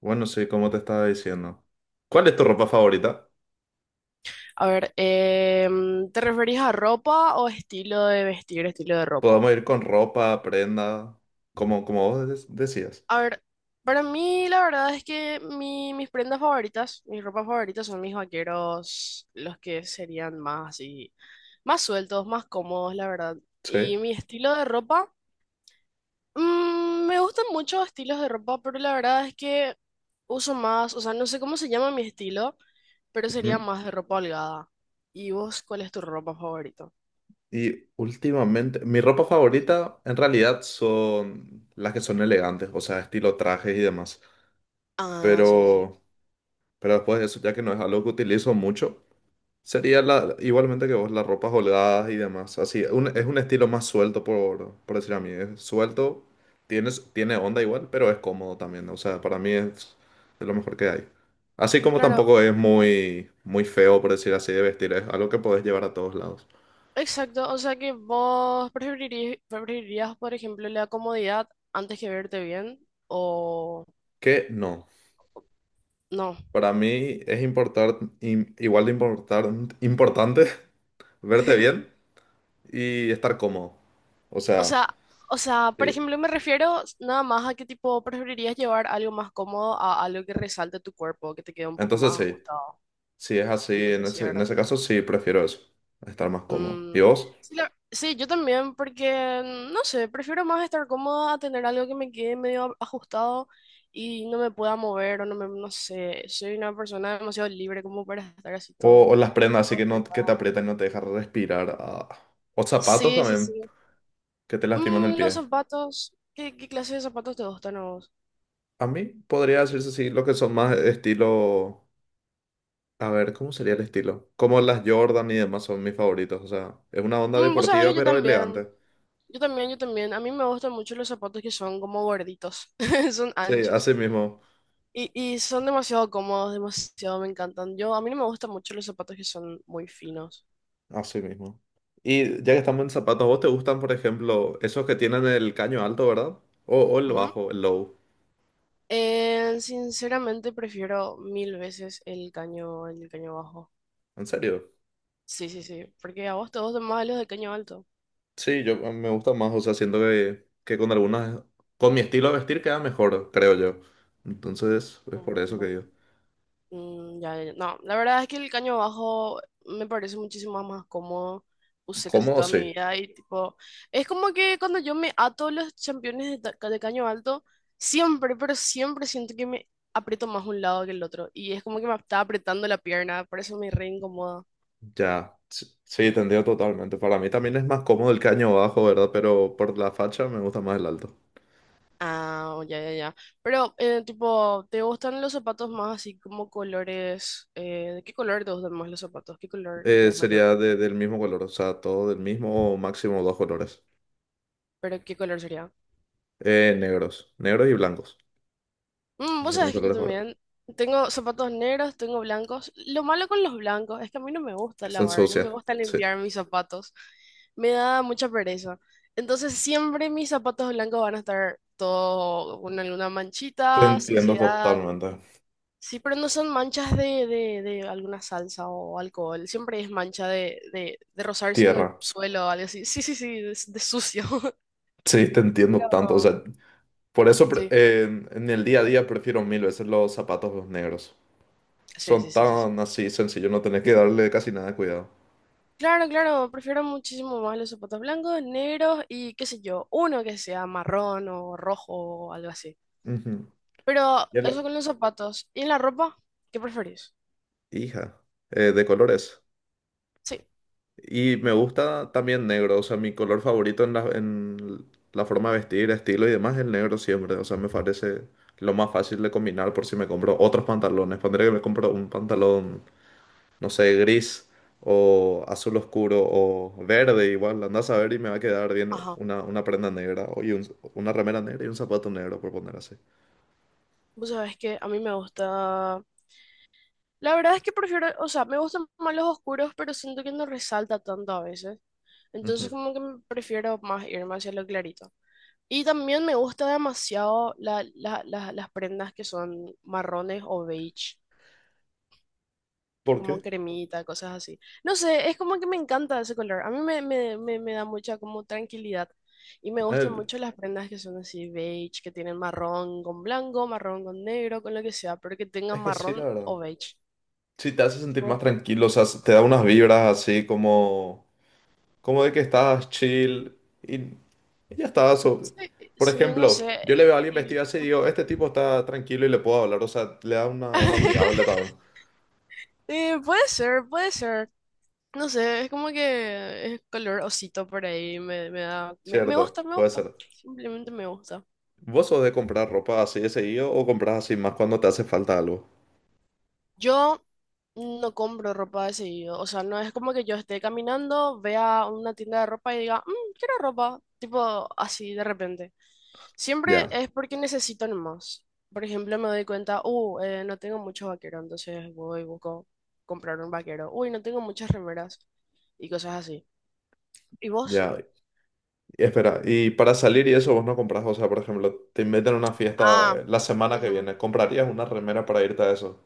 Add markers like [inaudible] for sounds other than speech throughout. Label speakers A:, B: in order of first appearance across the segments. A: Bueno, sí, como te estaba diciendo. ¿Cuál es tu ropa favorita?
B: A ver, ¿te referís a ropa o estilo de vestir, estilo de ropa?
A: Podemos ir con ropa, prenda, como vos decías.
B: A ver, para mí la verdad es que mis prendas favoritas, mis ropas favoritas son mis vaqueros, los que serían más así, más sueltos, más cómodos, la verdad. Y
A: Sí.
B: mi estilo de ropa, me gustan muchos estilos de ropa, pero la verdad es que uso más, o sea, no sé cómo se llama mi estilo, pero sería
A: Ujú.
B: más de ropa holgada. ¿Y vos cuál es tu ropa favorita?
A: Y últimamente, mi ropa favorita en realidad son las que son elegantes, o sea, estilo trajes y demás.
B: Ah, sí, sí.
A: Pero, pero después de eso, ya que no es algo que utilizo mucho. Sería la, igualmente que vos, las ropas holgadas y demás. Así, es un estilo más suelto, por decir a mí. Es suelto, tiene onda igual, pero es cómodo también. O sea, para mí es lo mejor que hay. Así como
B: Claro,
A: tampoco es muy, muy feo, por decir así, de vestir. Es algo que podés llevar a todos lados.
B: exacto, o sea que vos preferirías, por ejemplo, la comodidad antes que verte bien o
A: Que no.
B: no.
A: Para mí es importar, igual de importar, importante [laughs] verte
B: [laughs]
A: bien y estar cómodo. O
B: O
A: sea,
B: sea, o sea, por
A: sí.
B: ejemplo, me refiero nada más a que tipo preferirías llevar algo más cómodo a algo que resalte tu cuerpo, que te quede un poco
A: Entonces
B: más
A: sí.
B: ajustado.
A: Si es así, en
B: Entonces, sí,
A: ese, en
B: ¿verdad?
A: ese caso sí prefiero eso, estar más cómodo.
B: Mm,
A: ¿Y vos?
B: sí, sí, yo también, porque no sé, prefiero más estar cómoda a tener algo que me quede medio ajustado y no me pueda mover o no me, no sé, soy una persona demasiado libre como para estar así
A: O,
B: todo,
A: o las prendas así
B: todo
A: que, no, que
B: apretada.
A: te aprietan y no te dejan respirar. Ah. O zapatos
B: Sí, sí, sí.
A: también, que te lastiman el
B: Los
A: pie.
B: zapatos, ¿qué clase de zapatos te gustan a vos?
A: A mí podría decirse así, lo que son más estilo... A ver, ¿cómo sería el estilo? Como las Jordan y demás son mis favoritos. O sea, es una onda
B: Vos sabés
A: deportiva
B: que yo
A: pero
B: también,
A: elegante.
B: yo también, yo también. A mí me gustan mucho los zapatos que son como gorditos, [laughs] son
A: Sí,
B: anchos.
A: así mismo,
B: Y son demasiado cómodos, demasiado me encantan. Yo, a mí no me gustan mucho los zapatos que son muy finos.
A: así mismo. Y ya que estamos en zapatos, ¿vos te gustan, por ejemplo, esos que tienen el caño alto, verdad? O el
B: Ujú.
A: bajo, el low.
B: Sinceramente prefiero mil veces el caño bajo.
A: ¿En serio?
B: Sí, sí, sí. Porque a vos te gustan más los de caño alto.
A: Sí, yo me gusta más, o sea, siento que con algunas, con mi estilo de vestir queda mejor, creo yo. Entonces, es
B: No,
A: por eso que
B: no.
A: digo.
B: Mm, ya, ya. Ya. No, la verdad es que el caño bajo me parece muchísimo más cómodo. Usé casi
A: Cómodo,
B: toda
A: sí,
B: mi vida y tipo, es como que cuando yo me ato los championes de, de caño alto, siempre, pero siempre siento que me aprieto más un lado que el otro. Y es como que me está apretando la pierna, por eso me re incomoda.
A: ya, sí, sí, te entiendo totalmente. Para mí también es más cómodo el caño bajo, ¿verdad? Pero por la facha me gusta más el alto.
B: Ah, oh, ya, ya, ya. Pero, tipo, ¿te gustan los zapatos más así como colores? Eh, ¿de qué color te gustan más los zapatos? ¿Qué color tenés mayor?
A: Sería del mismo color, o sea, todo del mismo o máximo dos colores.
B: ¿Pero qué color sería?
A: Negros, negros y blancos. Esos
B: Vos
A: son mis
B: sabés que yo
A: colores favoritos.
B: también tengo zapatos negros, tengo blancos. Lo malo con los blancos es que a mí no me gusta
A: Que se
B: lavar, no me
A: ensucia,
B: gusta
A: sí.
B: limpiar mis zapatos. Me da mucha pereza. Entonces siempre mis zapatos blancos van a estar todo con alguna
A: Te
B: manchita,
A: entiendo
B: suciedad.
A: totalmente.
B: Sí, pero no son manchas de, de alguna salsa o alcohol. Siempre es mancha de, de rozarse con
A: Tierra.
B: el suelo o algo así. Sí, sí, sí, de sucio. [laughs]
A: Sí, te entiendo tanto. O
B: Pero-
A: sea, por eso
B: Sí,
A: en el día a día prefiero mil veces los zapatos negros.
B: sí, sí,
A: Son
B: sí, sí.
A: tan así sencillos, no tenés que darle casi nada de cuidado.
B: Claro, claro, prefiero muchísimo más los zapatos blancos, negros y qué sé yo, uno que sea marrón o rojo o algo así.
A: Ujú.
B: Pero
A: Y a la
B: eso con los zapatos. ¿Y en la ropa? ¿Qué preferís?
A: hija, de colores.
B: Sí,
A: Y me gusta también negro, o sea, mi color favorito en la, forma de vestir, estilo y demás es el negro siempre. O sea, me parece lo más fácil de combinar por si me compro otros pantalones. Pondré que me compro un pantalón no sé, gris o azul oscuro o verde igual, andás a ver y me va a quedar bien
B: ajá.
A: una prenda negra y una remera negra y un zapato negro, por poner así.
B: Vos sabés que a mí me gusta... La verdad es que prefiero, o sea, me gustan más los oscuros, pero siento que no resalta tanto a veces. Entonces
A: Ujú.
B: como que me prefiero más irme hacia lo clarito. Y también me gusta demasiado las prendas que son marrones o beige.
A: ¿Por
B: Como
A: qué?
B: cremita, cosas así. No sé, es como que me encanta ese color. A mí me, me da mucha como tranquilidad. Y me gustan
A: Eh,
B: mucho las prendas que son así beige, que tienen marrón con blanco, marrón con negro, con lo que sea, pero que tengan
A: es que sí, la
B: marrón
A: verdad.
B: o beige.
A: Sí, te hace sentir más
B: Tipo,
A: tranquilo, o sea, te da unas vibras así como de que estás chill y ya está.
B: sí,
A: Por
B: sí, no
A: ejemplo,
B: sé.
A: yo le veo a alguien vestido
B: Y-
A: así y digo, este tipo está tranquilo y le puedo hablar, o sea, le da una onda amigable
B: [laughs]
A: también,
B: Puede ser, puede ser. No sé, es como que es color osito por ahí, me, da, me gusta,
A: ¿cierto?
B: me
A: Puede
B: gusta.
A: ser.
B: Simplemente me gusta.
A: ¿Vos sos de comprar ropa así de seguido o compras así más cuando te hace falta algo?
B: Yo no compro ropa de seguido, o sea, no es como que yo esté caminando, vea una tienda de ropa y diga, Quiero ropa, tipo así de repente." Siempre
A: Ya,
B: es porque necesito nomás. Por ejemplo, me doy cuenta, no tengo muchos vaqueros, entonces voy y busco comprar un vaquero. Uy, no tengo muchas remeras y cosas así. ¿Y vos?
A: ya. Y espera, y para salir y eso vos no compras, o sea, por ejemplo, te invitan a una fiesta
B: Ah,
A: la semana que
B: ujú.
A: viene, ¿comprarías una remera para irte a eso?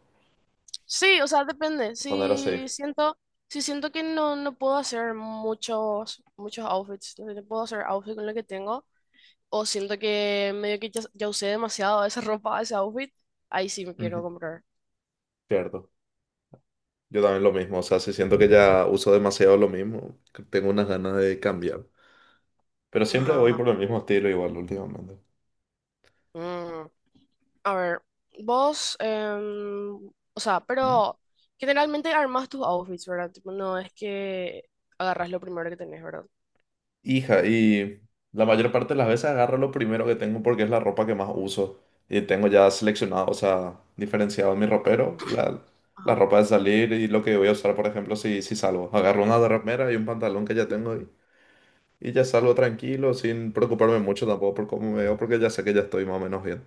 B: Sí, o sea, depende.
A: Cuando era así.
B: Si siento que no puedo hacer muchos, muchos outfits, no sé, no puedo hacer outfit con lo que tengo, o siento que medio que ya usé demasiado esa [laughs] ropa, ese outfit, ahí sí me quiero
A: Ujú.
B: comprar.
A: Cierto. Yo también lo mismo, o sea, si siento que ya uso demasiado lo mismo, que tengo unas ganas de cambiar. Pero siempre
B: Ajá,
A: voy
B: ajá.
A: por el mismo estilo igual últimamente.
B: Mm, A ver, vos, o sea, pero generalmente armas tus outfits, ¿verdad? Tipo, no es que agarras lo primero que tenés, ¿verdad?
A: Hija, y la mayor parte de las veces agarro lo primero que tengo porque es la ropa que más uso. Y tengo ya seleccionado, o sea, diferenciado en mi ropero, la
B: Ajá.
A: ropa de salir y lo que voy a usar, por ejemplo, si salgo. Agarro una remera y un pantalón que ya tengo y ya salgo tranquilo, sin preocuparme mucho tampoco por cómo me veo, porque ya sé que ya estoy más o menos bien.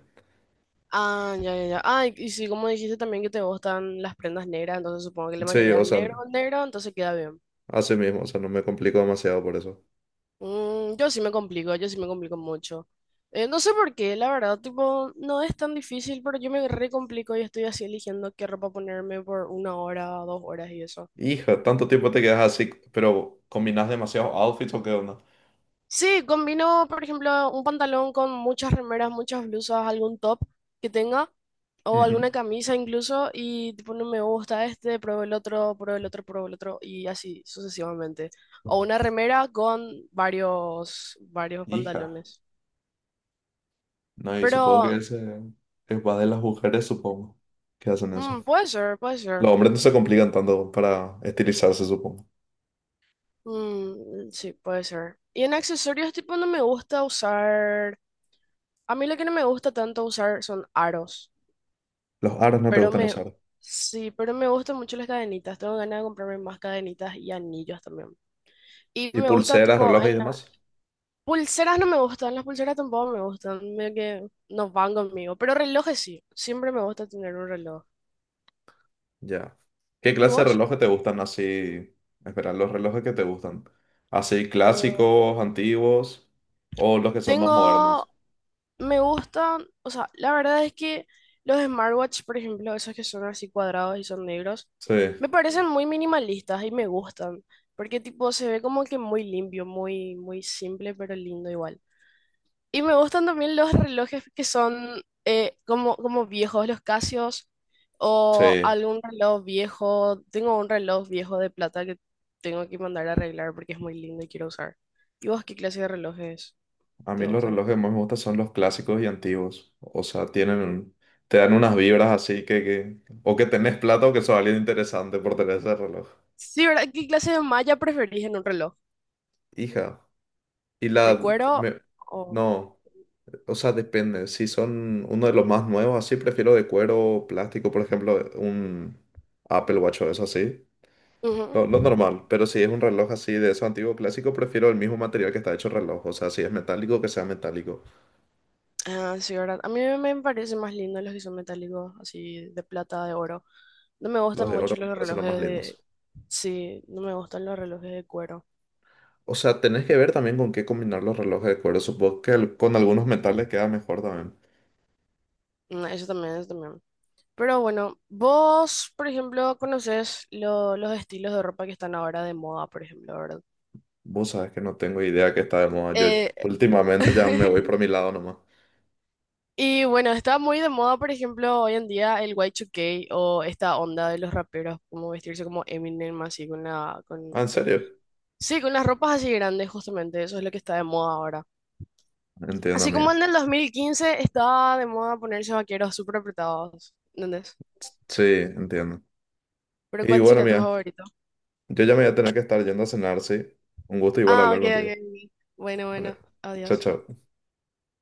B: Ah, ya, ya, ya. Ah, y sí, como dijiste también que te gustan las prendas negras, entonces supongo que la
A: Sí,
B: mayoría
A: o
B: es
A: sea,
B: negro, con negro, entonces queda bien.
A: así mismo, o sea, no me complico demasiado por eso.
B: Yo sí me complico, yo sí me complico mucho. No sé por qué, la verdad, tipo, no es tan difícil, pero yo me re complico y estoy así eligiendo qué ropa ponerme por una hora, dos horas y eso.
A: Hija, tanto tiempo te quedas así, pero combinas demasiados outfits o qué onda.
B: Sí, combino, por ejemplo, un pantalón con muchas remeras, muchas blusas, algún top que tenga, o
A: Ujú.
B: alguna camisa incluso, y tipo, no me gusta este, pruebo el otro, pruebo el otro, pruebo el otro, y así sucesivamente. O una remera con varios, varios
A: Hija.
B: pantalones.
A: No, y supongo
B: Pero,
A: que ese es más de las mujeres, supongo, que hacen eso.
B: puede ser, puede ser.
A: Los hombres no se complican tanto para estilizarse, supongo.
B: Mm, sí, puede ser. Y en accesorios, tipo, no me gusta usar, a mí lo que no me gusta tanto usar son aros.
A: Los aros no te
B: Pero
A: gustan
B: me,
A: usar.
B: sí, pero me gustan mucho las cadenitas. Tengo ganas de comprarme más cadenitas y anillos también. Y
A: ¿Y
B: me gusta,
A: pulseras,
B: tipo,
A: relojes
B: en
A: y demás?
B: pulseras no me gustan, las pulseras tampoco me gustan, medio que no van conmigo. Pero relojes sí, siempre me gusta tener un reloj.
A: Ya. ¿Qué
B: ¿Y
A: clase de
B: vos?
A: relojes te gustan así? Espera, los relojes que te gustan. ¿Así
B: Ah,
A: clásicos, antiguos o los que son más
B: tengo,
A: modernos?
B: me gustan, o sea, la verdad es que los smartwatch, por ejemplo, esos que son así cuadrados y son negros,
A: Sí,
B: me parecen muy minimalistas y me gustan. Porque tipo se ve como que muy limpio, muy, muy simple, pero lindo igual. Y me gustan también los relojes que son como, viejos, los Casios o
A: sí.
B: algún reloj viejo. Tengo un reloj viejo de plata que tengo que mandar a arreglar porque es muy lindo y quiero usar. ¿Y vos qué clase de relojes
A: A
B: te
A: mí los
B: gustan?
A: relojes que más me gustan son los clásicos y antiguos. O sea, tienen, te dan unas vibras así que, o que tenés plata o que sos alguien interesante por tener ese reloj.
B: Sí, ¿verdad? ¿Qué clase de malla preferís en un reloj?
A: Hija. Y
B: ¿De
A: la,
B: cuero o...?
A: no, o sea, depende. Si son uno de los más nuevos, así prefiero de cuero, plástico, por ejemplo, un Apple Watch o eso así.
B: Ujú.
A: Lo normal. Pero si es un reloj así de esos antiguos clásicos, prefiero el mismo material que está hecho el reloj. O sea, si es metálico, que sea metálico.
B: Ah, sí, ¿verdad? A mí me parecen más lindos los que son metálicos, así de plata, de oro. No me gustan
A: Los de oro
B: mucho
A: me
B: los
A: parecen los más
B: relojes de...
A: lindos.
B: Sí, no me gustan los relojes de cuero.
A: O sea, tenés que ver también con qué combinar los relojes de cuero. Supongo que con algunos metales queda mejor también.
B: Mm, eso también, eso también. Pero bueno, vos, por ejemplo, conoces los estilos de ropa que están ahora de moda, por ejemplo, ¿verdad?
A: Vos sabés que no tengo idea que está de moda. Yo
B: Eh,
A: últimamente ya me voy
B: [laughs]
A: por mi lado nomás.
B: y bueno, está muy de moda, por ejemplo, hoy en día el Y2K o esta onda de los raperos, como vestirse como Eminem, así con la, con,
A: Ah, ¿en serio?
B: sí, con las ropas así grandes, justamente, eso es lo que está de moda ahora.
A: Entiendo,
B: Así como
A: amiga.
B: en el 2015 estaba de moda ponerse vaqueros súper apretados, ¿entendés?
A: Sí, entiendo.
B: Pero
A: Y
B: ¿cuál
A: bueno,
B: sería tu
A: mía,
B: favorito?
A: yo ya me voy a tener que estar yendo a cenar, sí. Un gusto igual
B: Ah,
A: hablar
B: ok,
A: contigo.
B: ok. Ok. Bueno, bueno,
A: Vale. Chao,
B: adiós.
A: chao.